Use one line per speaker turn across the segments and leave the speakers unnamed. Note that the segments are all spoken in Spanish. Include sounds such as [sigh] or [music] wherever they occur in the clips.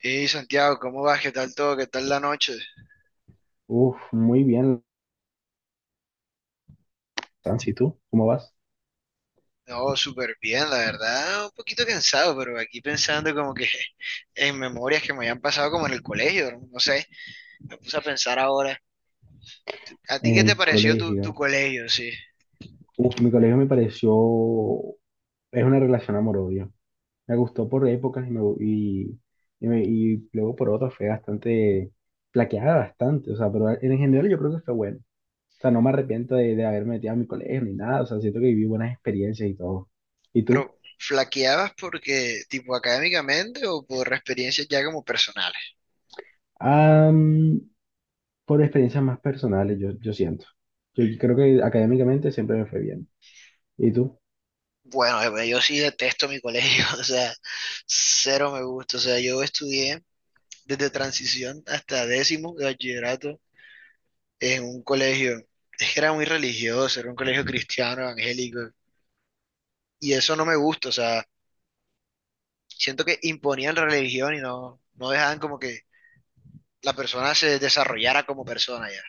Hey Santiago, ¿cómo vas? ¿Qué tal todo? ¿Qué tal la noche?
Uf, muy bien, Sansi, ¿y tú? ¿Cómo vas?
No, súper bien, la verdad, un poquito cansado, pero aquí pensando como que [laughs] en memorias que me habían pasado como en el colegio, no. No sé, me puse a pensar ahora. ¿A ti
En
qué te
el
pareció tu
colegio.
colegio? Sí,
Uf, mi colegio me pareció, es una relación amor-odio. Me gustó por épocas y y luego por otras fue bastante, flaqueada bastante, o sea, pero en general yo creo que fue bueno. O sea, no me arrepiento de haberme metido a mi colegio ni nada, o sea, siento que viví buenas experiencias y todo. ¿Y tú?
pero ¿flaqueabas porque tipo académicamente o por experiencias ya como personales?
Am, por experiencias más personales, yo siento. Yo creo que académicamente siempre me fue bien. ¿Y tú?
Bueno, yo sí detesto mi colegio, [laughs] o sea, cero me gusta. O sea, yo estudié desde transición hasta décimo de bachillerato en un colegio. Es que era muy religioso, era un colegio cristiano, evangélico, y eso no me gusta. O sea, siento que imponían la religión y no, no dejaban como que la persona se desarrollara como persona ya.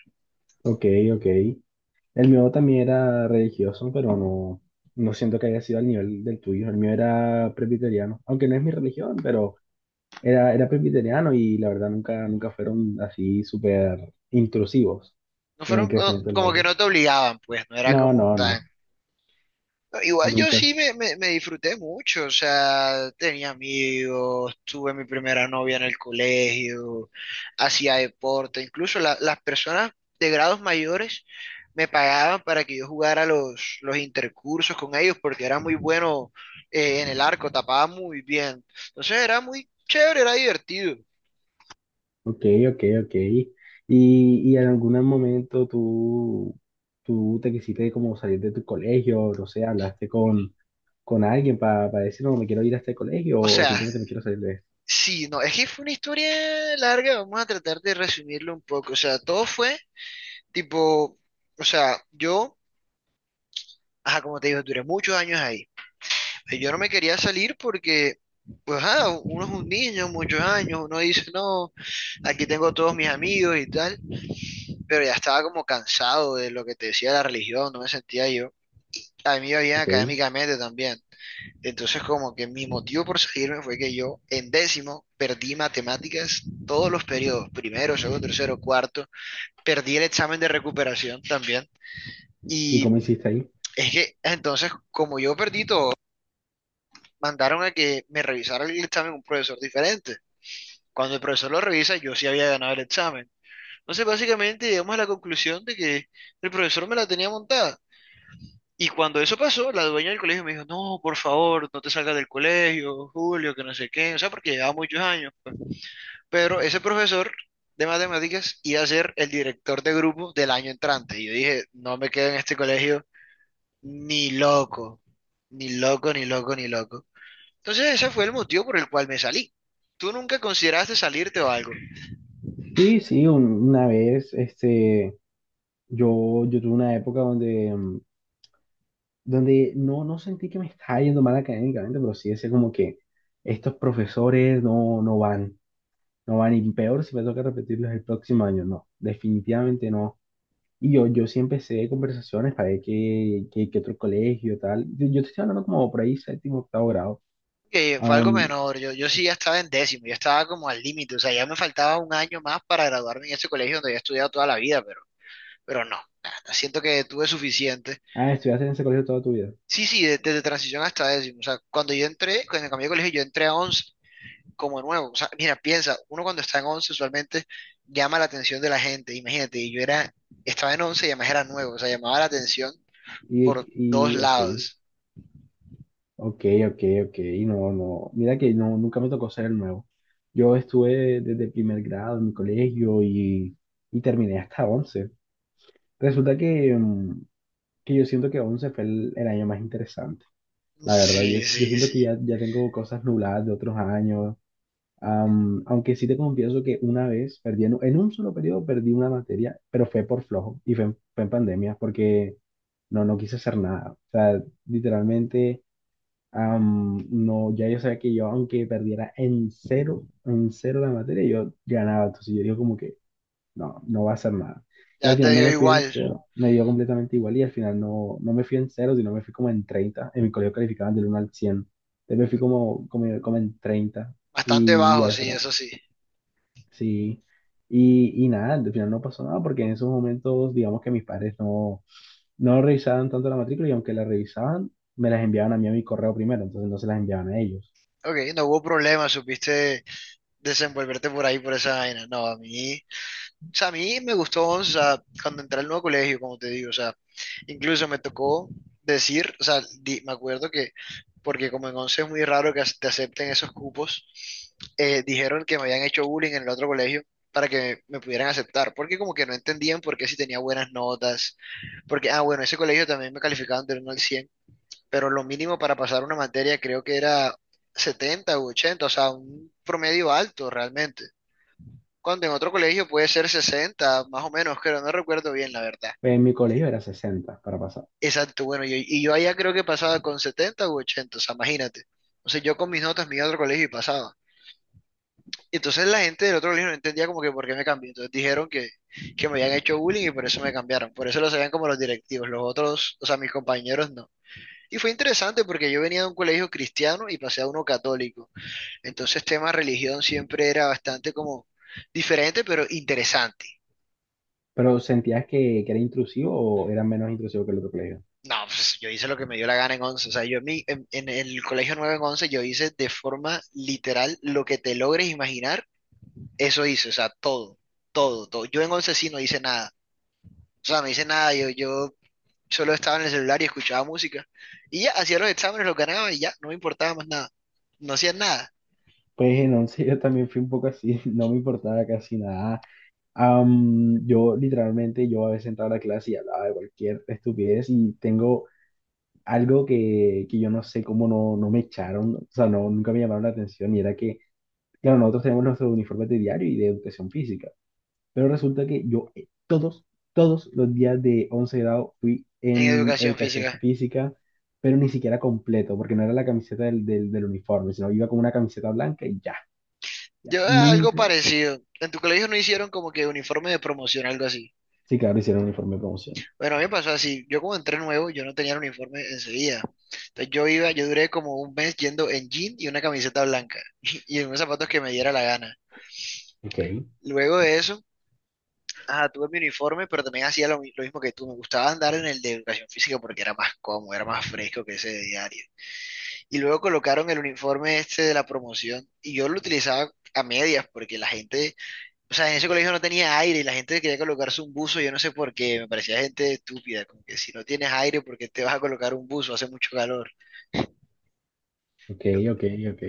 Ok, ok. El mío también era religioso, pero no siento que haya sido al nivel del tuyo. El mío era presbiteriano, aunque no es mi religión, pero era presbiteriano y la verdad nunca, nunca fueron así súper intrusivos
No
con el
fueron
crecimiento de los
como que no
otros.
te obligaban, pues, no era
No,
como
no,
tan.
no,
No, igual yo
nunca.
sí me disfruté mucho. O sea, tenía amigos, tuve mi primera novia en el colegio, hacía deporte, incluso las personas de grados mayores me pagaban para que yo jugara los intercursos con ellos porque era muy bueno en el arco, tapaba muy bien, entonces era muy chévere, era divertido.
Ok, ok, ok. Y en algún momento tú te quisiste como salir de tu colegio, no sé, hablaste con alguien para decir, no, me quiero ir a este colegio
O
o
sea,
simplemente me quiero salir de esto?
sí, no, es que fue una historia larga, vamos a tratar de resumirlo un poco. O sea, todo fue tipo, o sea, ajá, como te digo, duré muchos años ahí. Yo no me quería salir porque, pues, ajá, uno es un niño, muchos años, uno dice, no, aquí tengo todos mis amigos y tal, pero ya estaba como cansado de lo que te decía la religión, no me sentía yo. A mí me iba bien
Ok.
académicamente también. Entonces, como que mi motivo por salirme fue que yo en décimo perdí matemáticas todos los periodos, primero, segundo, tercero, cuarto, perdí el examen de recuperación también.
¿Y
Y
cómo hiciste ahí?
es que entonces, como yo perdí todo, mandaron a que me revisara el examen un profesor diferente. Cuando el profesor lo revisa, yo sí había ganado el examen. Entonces, básicamente llegamos a la conclusión de que el profesor me la tenía montada. Y cuando eso pasó, la dueña del colegio me dijo, no, por favor, no te salgas del colegio, Julio, que no sé qué, o sea, porque llevaba muchos años, pues. Pero ese profesor de matemáticas iba a ser el director de grupo del año entrante. Y yo dije, no me quedo en este colegio ni loco, ni loco, ni loco, ni loco. Entonces ese fue el motivo por el cual me salí. ¿Tú nunca consideraste salirte o algo?
Sí, sí, una vez, este, yo tuve una época donde, donde no sentí que me estaba yendo mal académicamente, pero sí decía como que estos profesores no van, y peor si me toca repetirlos el próximo año, no, definitivamente no. Y yo sí empecé conversaciones para ver qué otro colegio, tal. Yo te estoy hablando como por ahí, séptimo, octavo grado.
Que fue algo
Am,
menor. Yo sí ya estaba en décimo, ya estaba como al límite. O sea, ya me faltaba un año más para graduarme en este colegio donde había estudiado toda la vida, pero no. Nada, siento que tuve suficiente.
ah, estudiaste en ese colegio toda tu vida.
Sí, sí, desde transición hasta décimo. O sea, cuando yo entré, cuando cambié de colegio, yo entré a once como nuevo. O sea, mira, piensa, uno cuando está en once usualmente llama la atención de la gente. Imagínate, y yo era, estaba en once y además era nuevo. O sea, llamaba la atención por dos
Y ok.
lados.
Ok, ok, ok, no, no, mira que no, nunca me tocó ser el nuevo. Yo estuve desde primer grado en mi colegio y terminé hasta 11. Resulta que, que yo siento que 11 fue el año más interesante, la verdad. Yo,
Sí,
yo
sí,
siento
sí.
que ya tengo cosas nubladas de otros años, aunque sí te confieso que una vez perdí, en un solo periodo perdí una materia, pero fue por flojo y fue, fue en pandemia porque no quise hacer nada. O sea, literalmente… No, ya yo sabía que yo, aunque perdiera en cero la materia, yo ganaba. Entonces yo digo como que no va a ser nada. Y
Ya
al
te
final no
dio
me fui en
igual.
cero, me dio completamente igual y al final no me fui en cero, sino me fui como en treinta. En mi colegio calificaban del uno al cien. Entonces me fui como, como, como en 30
Bastante
y ya
bajo, sí,
eso.
eso sí.
Sí, y nada, al final no pasó nada porque en esos momentos, digamos que mis padres no revisaban tanto la matrícula y aunque la revisaban, me las enviaban a mí a mi correo primero, entonces no se las enviaban a ellos.
Ok, no hubo problema, supiste desenvolverte por ahí, por esa vaina. No, a mí, o sea, a mí me gustó. O sea, cuando entré al nuevo colegio, como te digo, o sea, incluso me tocó decir, o sea, me acuerdo que, porque como en 11 es muy raro que te acepten esos cupos, dijeron que me habían hecho bullying en el otro colegio para que me pudieran aceptar, porque como que no entendían por qué si tenía buenas notas, porque, ah, bueno, ese colegio también me calificaban del 1 al 100. Pero lo mínimo para pasar una materia creo que era 70 u 80, o sea, un promedio alto realmente. Cuando en otro colegio puede ser 60 más o menos, creo, no recuerdo bien la verdad.
Pues en mi colegio era 60 para pasar,
Exacto, bueno, y yo allá creo que pasaba con 70 u ochenta, o sea, imagínate. O sea, yo con mis notas me iba a otro colegio y pasaba. Y entonces la gente del otro colegio no entendía como que por qué me cambié. Entonces dijeron que me habían hecho bullying y por eso me cambiaron. Por eso lo sabían como los directivos, los otros, o sea, mis compañeros no. Y fue interesante porque yo venía de un colegio cristiano y pasé a uno católico. Entonces, tema religión siempre era bastante como diferente, pero interesante.
pero ¿sentías que era intrusivo o era menos intrusivo que el otro colegio?
No, pues yo hice lo que me dio la gana en once. O sea, yo en el colegio 9 en 11 yo hice de forma literal lo que te logres imaginar, eso hice. O sea, todo, todo, todo. Yo en 11 sí no hice nada. O sea, no hice nada. Yo solo estaba en el celular y escuchaba música. Y ya, hacía los exámenes, los ganaba y ya, no me importaba más nada. No hacía nada
Pues en 11 yo también fui un poco así, [laughs] no me importaba casi nada. Yo literalmente, yo a veces entraba a la clase y hablaba de cualquier estupidez y tengo algo que yo no sé cómo no me echaron, o sea, no, nunca me llamaron la atención, y era que, claro, nosotros tenemos nuestros uniformes de diario y de educación física, pero resulta que yo todos, todos los días de 11 grado fui
en
en
educación
educación
física.
física, pero ni siquiera completo, porque no era la camiseta del uniforme, sino iba con una camiseta blanca y ya, ya,
Algo
nunca.
parecido. En tu colegio no hicieron como que uniforme de promoción, algo así.
Sí, claro, hicieron uniforme de promoción.
Bueno, a mí me pasó así. Yo como entré nuevo, yo no tenía el uniforme enseguida. Entonces yo iba, yo duré como un mes yendo en jean y una camiseta blanca [laughs] y en unos zapatos que me diera la gana.
Ok.
Luego de eso, ajá, tuve mi uniforme, pero también hacía lo mismo que tú. Me gustaba andar en el de educación física porque era más cómodo, era más fresco que ese de diario. Y luego colocaron el uniforme este de la promoción y yo lo utilizaba a medias porque la gente. O sea, en ese colegio no tenía aire y la gente quería colocarse un buzo, yo no sé por qué, me parecía gente estúpida, como que si no tienes aire, ¿por qué te vas a colocar un buzo? Hace mucho calor.
Ok, ok, ok.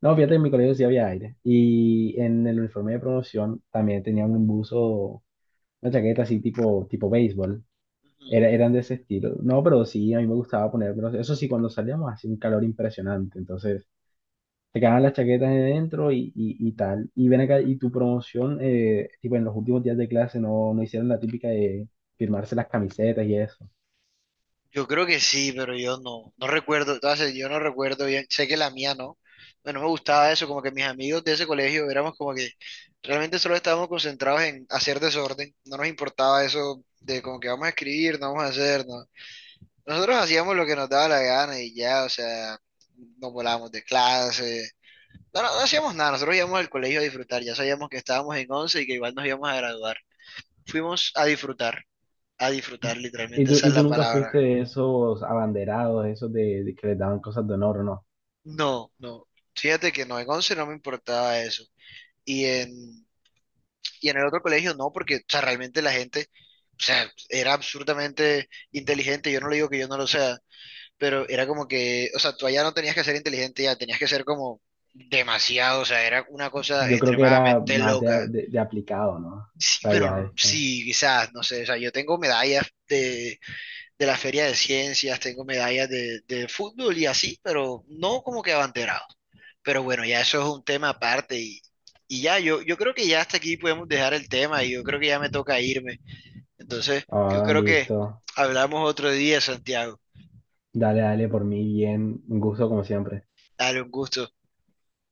No, fíjate, en mi colegio sí había aire. Y en el uniforme de promoción también tenía un buzo. Una chaqueta así tipo, tipo béisbol.
Ujú.
Era, eran de ese estilo. No, pero sí, a mí me gustaba ponérmelos. Eso sí, cuando salíamos hacía un calor impresionante. Entonces, te quedaban las chaquetas de dentro y tal. Y ven acá, y tu promoción, tipo en los últimos días de clase no hicieron la típica de firmarse las camisetas y eso.
Yo creo que sí, pero yo no, no recuerdo, entonces yo no recuerdo bien, sé que la mía no, bueno, no me gustaba eso, como que mis amigos de ese colegio éramos como que realmente solo estábamos concentrados en hacer desorden, no nos importaba eso de como que vamos a escribir, no vamos a hacer, no. Nosotros hacíamos lo que nos daba la gana y ya, o sea, nos volábamos de clase. No, no, no hacíamos nada, nosotros íbamos al colegio a disfrutar, ya sabíamos que estábamos en 11 y que igual nos íbamos a graduar. Fuimos a disfrutar, literalmente esa es
Y tú
la
nunca
palabra.
fuiste de esos abanderados, esos de que les daban cosas de honor, ¿no?
No, no, fíjate que no, en 11 no me importaba eso. Y en, y en el otro colegio no, porque, o sea, realmente la gente, o sea, era absolutamente inteligente, yo no le digo que yo no lo sea, pero era como que, o sea, tú allá no tenías que ser inteligente, ya tenías que ser como demasiado, o sea, era una cosa
Yo creo que era
extremadamente
más
loca.
de aplicado, ¿no? O
Sí,
sea, ya
bueno,
es como,
sí, quizás, no sé, o sea, yo tengo medallas de la Feria de Ciencias, tengo medallas de fútbol y así, pero no como que abanderado. Pero bueno, ya eso es un tema aparte y ya, yo creo que ya hasta aquí podemos dejar el tema y yo creo que ya me toca irme. Entonces, yo
ah,
creo que
listo.
hablamos otro día, Santiago.
Dale, dale, por mí bien, un gusto como siempre.
Dale un gusto.